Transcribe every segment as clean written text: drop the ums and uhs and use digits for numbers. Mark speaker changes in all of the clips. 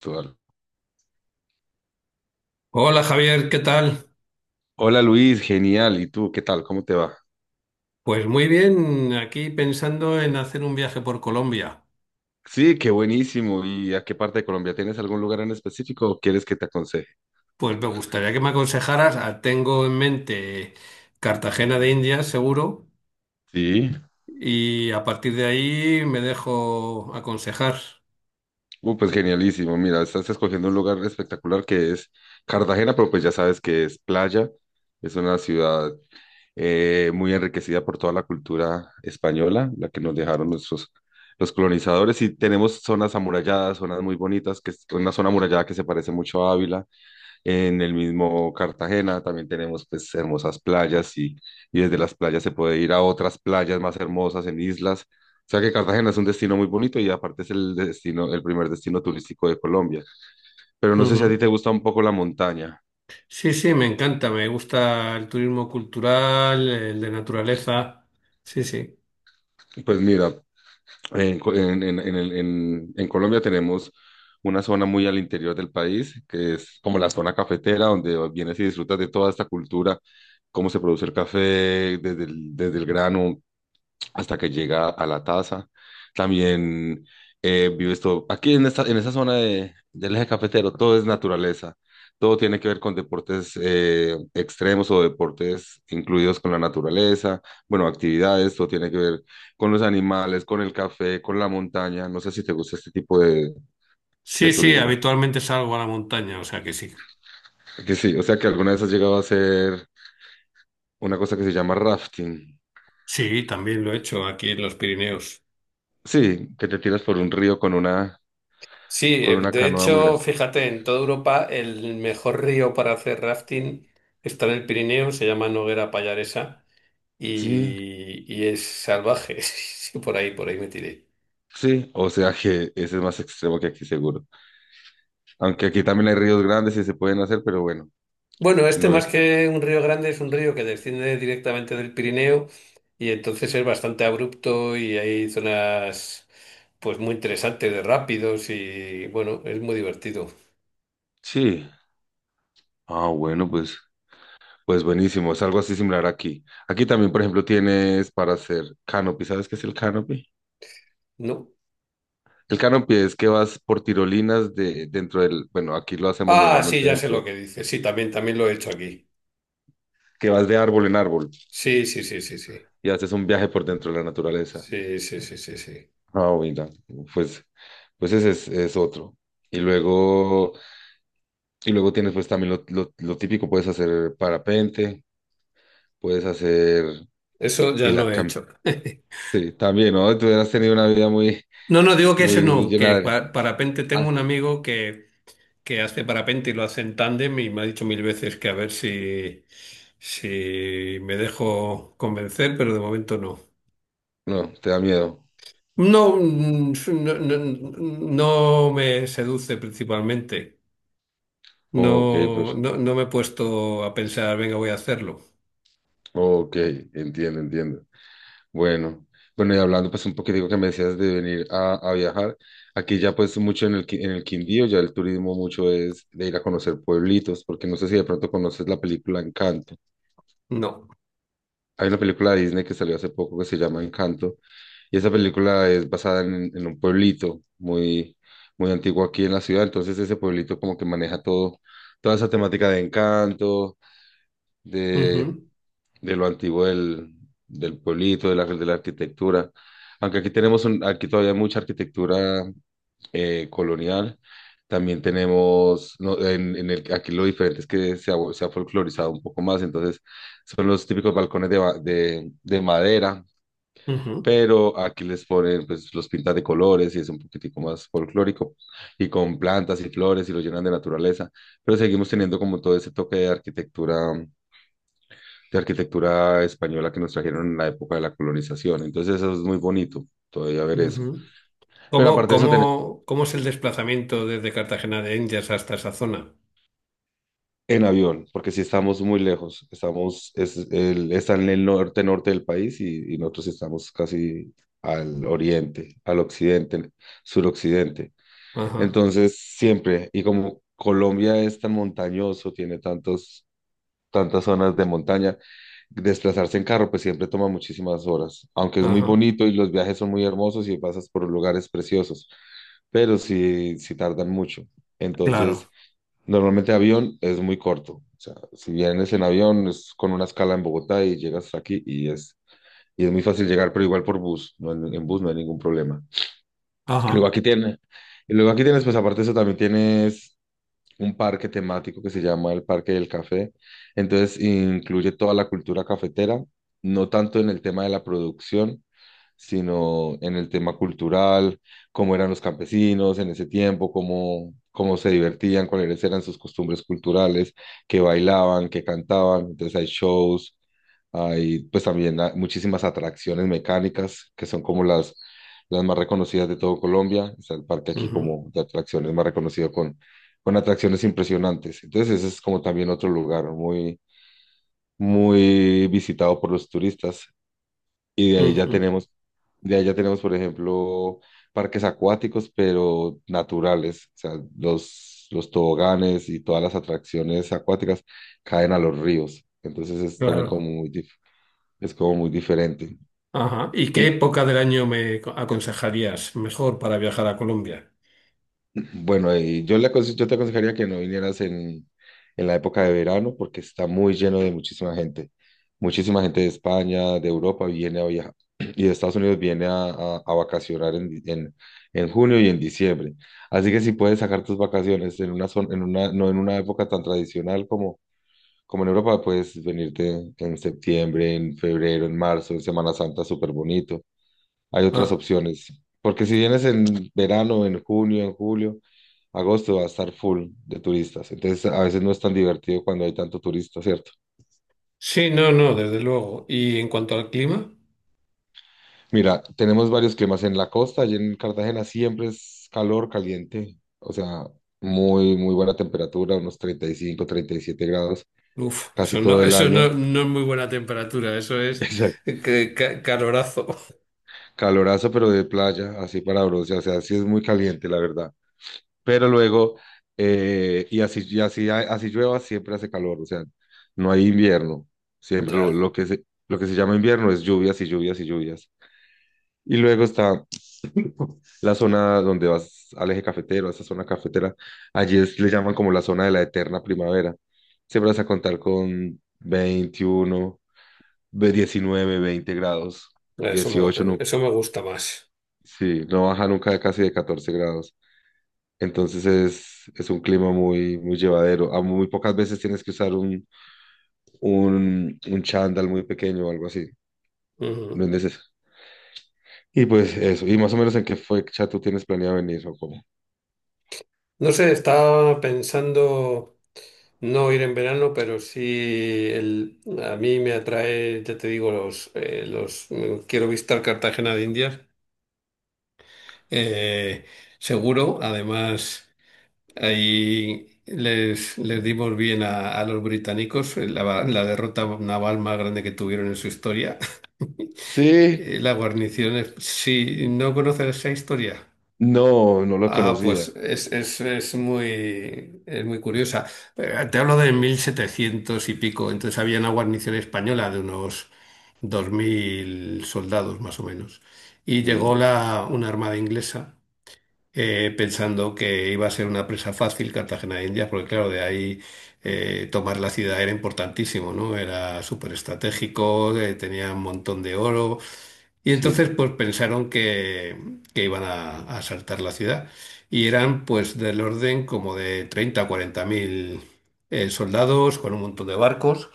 Speaker 1: Actual.
Speaker 2: Hola Javier, ¿qué tal?
Speaker 1: Hola Luis, genial. ¿Y tú qué tal? ¿Cómo te va?
Speaker 2: Pues muy bien, aquí pensando en hacer un viaje por Colombia.
Speaker 1: Sí, qué buenísimo. ¿Y a qué parte de Colombia? ¿Tienes algún lugar en específico o quieres que te aconseje?
Speaker 2: Pues me gustaría que me aconsejaras, tengo en mente Cartagena de Indias, seguro,
Speaker 1: Sí.
Speaker 2: y a partir de ahí me dejo aconsejar.
Speaker 1: Pues genialísimo. Mira, estás escogiendo un lugar espectacular que es Cartagena, pero pues ya sabes que es playa. Es una ciudad muy enriquecida por toda la cultura española, la que nos dejaron nuestros los colonizadores. Y tenemos zonas amuralladas, zonas muy bonitas, que es una zona amurallada que se parece mucho a Ávila. En el mismo Cartagena también tenemos pues hermosas playas y desde las playas se puede ir a otras playas más hermosas en islas. O sea que Cartagena es un destino muy bonito y aparte es el destino, el primer destino turístico de Colombia. Pero no sé si a ti
Speaker 2: Ujú.
Speaker 1: te gusta un poco la montaña.
Speaker 2: Sí, sí, me encanta, me gusta el turismo cultural, el de naturaleza. Sí, sí.
Speaker 1: Pues mira, en, Co- en, el- en Colombia tenemos una zona muy al interior del país, que es como la zona cafetera, donde vienes y disfrutas de toda esta cultura, cómo se produce el café, desde el grano, hasta que llega a la taza. También vives todo, aquí en esta, zona del eje cafetero, todo es naturaleza, todo tiene que ver con deportes extremos o deportes incluidos con la naturaleza, bueno, actividades, todo tiene que ver con los animales, con el café, con la montaña, no sé si te gusta este tipo de
Speaker 2: Sí, sí,
Speaker 1: turismo,
Speaker 2: habitualmente salgo a la montaña, o sea que sí.
Speaker 1: que sí, o sea que alguna vez has llegado a hacer una cosa que se llama rafting,
Speaker 2: Sí, también lo he hecho aquí en los Pirineos.
Speaker 1: sí, que te tiras por un río con una,
Speaker 2: Sí,
Speaker 1: con una
Speaker 2: de
Speaker 1: canoa muy
Speaker 2: hecho,
Speaker 1: grande.
Speaker 2: fíjate, en toda Europa el mejor río para hacer rafting está en el Pirineo, se llama Noguera Pallaresa
Speaker 1: Sí,
Speaker 2: y es salvaje. Sí, por ahí me tiré.
Speaker 1: sí, o sea que ese es más extremo que aquí seguro. Aunque aquí también hay ríos grandes y se pueden hacer, pero bueno,
Speaker 2: Bueno, este
Speaker 1: no
Speaker 2: más
Speaker 1: es.
Speaker 2: que un río grande es un río que desciende directamente del Pirineo y entonces es bastante abrupto y hay zonas pues muy interesantes de rápidos y bueno, es muy divertido,
Speaker 1: Sí. Ah, bueno, pues buenísimo. Es algo así similar aquí. Aquí también, por ejemplo, tienes para hacer canopy. ¿Sabes qué es el canopy?
Speaker 2: ¿no?
Speaker 1: El canopy es que vas por tirolinas de dentro del, bueno, aquí lo hacemos
Speaker 2: Ah, sí,
Speaker 1: normalmente
Speaker 2: ya sé
Speaker 1: dentro,
Speaker 2: lo que dices. Sí, también, también lo he hecho aquí.
Speaker 1: que vas de árbol en árbol
Speaker 2: Sí, sí, sí, sí, sí.
Speaker 1: y haces un viaje por dentro de la naturaleza.
Speaker 2: Sí, sí, sí, sí, sí.
Speaker 1: Ah, mira, pues, pues ese es otro. Y luego. Y luego tienes pues también lo típico, puedes hacer parapente, puedes hacer
Speaker 2: Eso ya no he
Speaker 1: hilatcam.
Speaker 2: hecho.
Speaker 1: Sí, también, ¿no? Tú has tenido una vida muy,
Speaker 2: No, no, digo que ese
Speaker 1: muy
Speaker 2: no, que
Speaker 1: llena de.
Speaker 2: parapente
Speaker 1: Ah,
Speaker 2: tengo un amigo que hace parapente y lo hace en tándem y me ha dicho mil veces que a ver si, si me dejo convencer, pero de momento no.
Speaker 1: no, te da miedo.
Speaker 2: No, no, no, no me seduce principalmente.
Speaker 1: Ok,
Speaker 2: No,
Speaker 1: pues,
Speaker 2: no, no me he puesto a pensar, venga, voy a hacerlo.
Speaker 1: ok, entiendo, entiendo. Bueno, bueno, y hablando pues un poquitico que me decías de venir a viajar, aquí ya pues mucho en el Quindío, ya el turismo mucho es de ir a conocer pueblitos, porque no sé si de pronto conoces la película Encanto.
Speaker 2: No.
Speaker 1: Hay una película de Disney que salió hace poco que se llama Encanto y esa película es basada en un pueblito muy, muy antiguo aquí en la ciudad, entonces ese pueblito como que maneja todo, toda esa temática de encanto, de,
Speaker 2: Ujú,
Speaker 1: de lo antiguo del pueblito, de la arquitectura. Aunque aquí tenemos aquí todavía hay mucha arquitectura colonial. También tenemos, no, aquí lo diferente es que se ha folclorizado un poco más, entonces son los típicos balcones de madera,
Speaker 2: ujú,
Speaker 1: pero aquí les ponen, pues los pintan de colores y es un poquitico más folclórico, y con plantas y flores y lo llenan de naturaleza, pero seguimos teniendo como todo ese toque de arquitectura española que nos trajeron en la época de la colonización, entonces eso es muy bonito, todavía ver eso.
Speaker 2: ujú.
Speaker 1: Pero
Speaker 2: ¿Cómo,
Speaker 1: aparte de eso,
Speaker 2: cómo, cómo es el desplazamiento desde Cartagena de Indias hasta esa zona?
Speaker 1: En avión, porque si estamos muy lejos, está en el norte del país y nosotros estamos casi al oriente, al occidente, suroccidente.
Speaker 2: Ajá,
Speaker 1: Entonces, siempre, y como Colombia es tan montañoso, tiene tantas zonas de montaña, desplazarse en carro, pues siempre toma muchísimas horas, aunque es muy
Speaker 2: ajá,
Speaker 1: bonito y los viajes son muy hermosos y pasas por lugares preciosos, pero sí, sí tardan mucho.
Speaker 2: Claro,
Speaker 1: Entonces, normalmente avión es muy corto. O sea, si vienes en avión es con una escala en Bogotá y llegas aquí y es muy fácil llegar, pero igual por bus, en bus no hay ningún problema. Luego
Speaker 2: ajá.
Speaker 1: aquí tiene, y luego aquí tienes, pues aparte de eso también tienes un parque temático que se llama el Parque del Café. Entonces incluye toda la cultura cafetera, no tanto en el tema de la producción, sino en el tema cultural, cómo eran los campesinos en ese tiempo, cómo se divertían, cuáles eran sus costumbres culturales, qué bailaban, qué cantaban. Entonces hay shows, hay pues también muchísimas atracciones mecánicas que son como las más reconocidas de todo Colombia. Está el parque aquí
Speaker 2: Ujú,
Speaker 1: como de atracciones más reconocido con atracciones impresionantes. Entonces ese es como también otro lugar muy, muy visitado por los turistas. Y de ahí ya
Speaker 2: ujú,
Speaker 1: tenemos, de ahí ya tenemos, por ejemplo, parques acuáticos, pero naturales. O sea, los toboganes y todas las atracciones acuáticas caen a los ríos. Entonces es también como
Speaker 2: claro,
Speaker 1: muy, dif- es como muy diferente.
Speaker 2: ajá. ¿Y qué
Speaker 1: Y,
Speaker 2: época del año me aconsejarías mejor para viajar a Colombia?
Speaker 1: bueno, yo te aconsejaría que no vinieras en la época de verano porque está muy lleno de muchísima gente. Muchísima gente de España, de Europa viene a viajar y de Estados Unidos viene a vacacionar en junio y en diciembre. Así que si puedes sacar tus vacaciones en una, zon- en una, no en una época tan tradicional como en Europa, puedes venirte en septiembre, en febrero, en marzo, en Semana Santa, súper bonito. Hay otras
Speaker 2: Ah,
Speaker 1: opciones. Porque si vienes en verano, en junio, en julio, agosto va a estar full de turistas. Entonces a veces no es tan divertido cuando hay tanto turista, ¿cierto?
Speaker 2: sí, no, no, desde luego. ¿Y en cuanto al clima?
Speaker 1: Mira, tenemos varios climas en la costa. Allí en Cartagena siempre es calor, caliente. O sea, muy, muy buena temperatura, unos 30 35, 37 grados
Speaker 2: Uf,
Speaker 1: casi todo el
Speaker 2: eso no,
Speaker 1: año.
Speaker 2: no es muy buena temperatura, eso es
Speaker 1: Exacto.
Speaker 2: calorazo.
Speaker 1: Calorazo, pero de playa, así para bronce. O sea, sí es muy caliente, la verdad. Pero luego, así llueva, siempre hace calor, o sea, no hay invierno, siempre
Speaker 2: Ya,
Speaker 1: lo que se llama invierno es lluvias y lluvias y lluvias. Y luego está la zona donde vas al eje cafetero, a esa zona cafetera, allí le llaman como la zona de la eterna primavera. Siempre vas a contar con 21 19 20 grados,
Speaker 2: eso me,
Speaker 1: 18 no,
Speaker 2: eso me gusta más.
Speaker 1: sí, no baja nunca de casi de 14 grados. Entonces es un clima muy, muy llevadero. A muy pocas veces tienes que usar un chándal muy pequeño o algo así. No
Speaker 2: Ujú.
Speaker 1: es necesario. Y pues eso. ¿Y más o menos en qué fecha tú tienes planeado venir o cómo?
Speaker 2: No sé, estaba pensando. No ir en verano, pero sí el, a mí me atrae, ya te digo, los quiero visitar Cartagena de Indias, eh, seguro. Además, ahí les, les dimos bien a los británicos la, la derrota naval más grande que tuvieron en su historia.
Speaker 1: Sí,
Speaker 2: La guarnición, si no conoces esa historia.
Speaker 1: no, no lo
Speaker 2: Ah, pues
Speaker 1: conocía.
Speaker 2: es muy curiosa. Te hablo de 1700 y pico, entonces había una guarnición española de unos 2000 soldados más o menos. Y llegó
Speaker 1: Sí,
Speaker 2: la, una armada inglesa pensando que iba a ser una presa fácil Cartagena de Indias, porque claro, de ahí tomar la ciudad era importantísimo, ¿no? Era súper estratégico, tenía un montón de oro. Y entonces
Speaker 1: sí.
Speaker 2: pues pensaron que iban a asaltar la ciudad y eran pues del orden como de 30 a 40 mil soldados con un montón de barcos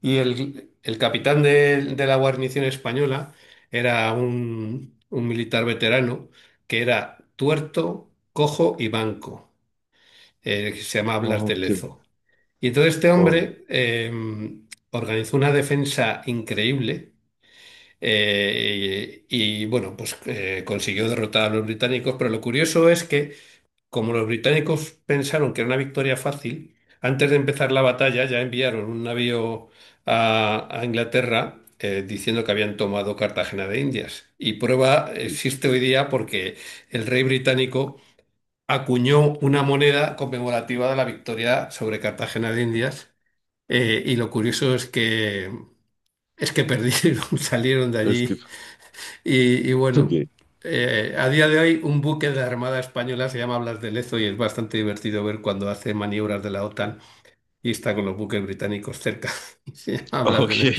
Speaker 2: y el capitán de la guarnición española era un militar veterano que era tuerto, cojo y manco, que se llamaba Blas de
Speaker 1: Ok,
Speaker 2: Lezo. Y entonces este
Speaker 1: oh,
Speaker 2: hombre organizó una defensa increíble y, bueno, pues consiguió derrotar a los británicos, pero lo curioso es que como los británicos pensaron que era una victoria fácil, antes de empezar la batalla ya enviaron un navío a Inglaterra diciendo que habían tomado Cartagena de Indias. Y prueba
Speaker 1: sí.
Speaker 2: existe hoy día porque el rey británico acuñó una moneda conmemorativa de la victoria sobre Cartagena de Indias. Y lo curioso es que perdieron, salieron de
Speaker 1: Es que. Ok.
Speaker 2: allí y bueno, a día de hoy un buque de la Armada Española se llama Blas de Lezo y es bastante divertido ver cuando hace maniobras de la OTAN y está con los buques británicos cerca. Y se llama Blas de
Speaker 1: Ok.
Speaker 2: Lezo.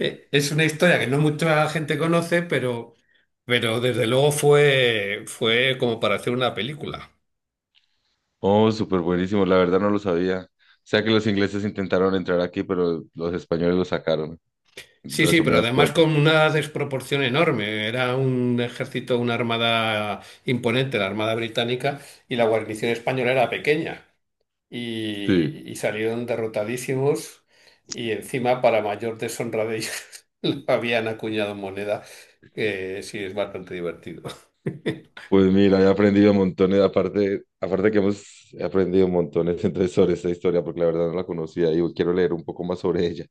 Speaker 2: Es una historia que no mucha gente conoce, pero desde luego fue, fue como para hacer una película.
Speaker 1: Oh, súper buenísimo. La verdad no lo sabía. O sea que los ingleses intentaron entrar aquí, pero los españoles lo sacaron. En
Speaker 2: Sí, sí, pero
Speaker 1: resumidas
Speaker 2: además
Speaker 1: cuentas.
Speaker 2: con una desproporción enorme. Era un ejército, una armada imponente, la Armada Británica, y la guarnición española era pequeña.
Speaker 1: Sí.
Speaker 2: Y, y salieron derrotadísimos y encima para mayor deshonra de ellos le habían acuñado moneda, que sí es bastante divertido.
Speaker 1: Pues mira, he aprendido montones, aparte que hemos he aprendido montones entonces sobre esta historia, porque la verdad no la conocía y quiero leer un poco más sobre ella.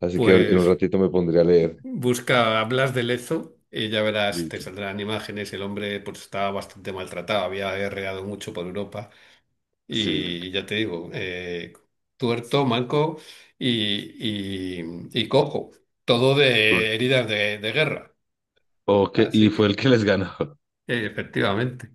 Speaker 1: Así que en un
Speaker 2: Pues
Speaker 1: ratito me pondré a leer.
Speaker 2: busca Blas de Lezo y ya verás, te
Speaker 1: Listo.
Speaker 2: saldrán imágenes, el hombre pues estaba bastante maltratado, había guerreado mucho por Europa y
Speaker 1: Sí.
Speaker 2: y ya te digo, tuerto, manco y cojo, todo
Speaker 1: Cool.
Speaker 2: de heridas de guerra.
Speaker 1: Ok, y
Speaker 2: Así
Speaker 1: fue el
Speaker 2: que,
Speaker 1: que les ganó.
Speaker 2: efectivamente.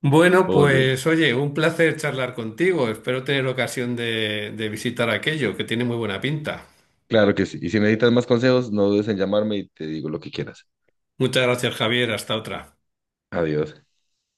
Speaker 2: Bueno,
Speaker 1: Oh, no.
Speaker 2: pues oye, un placer charlar contigo. Espero tener ocasión de visitar aquello, que tiene muy buena pinta.
Speaker 1: Claro que sí. Y si necesitas más consejos, no dudes en llamarme y te digo lo que quieras.
Speaker 2: Muchas gracias, Javier. Hasta otra.
Speaker 1: Adiós.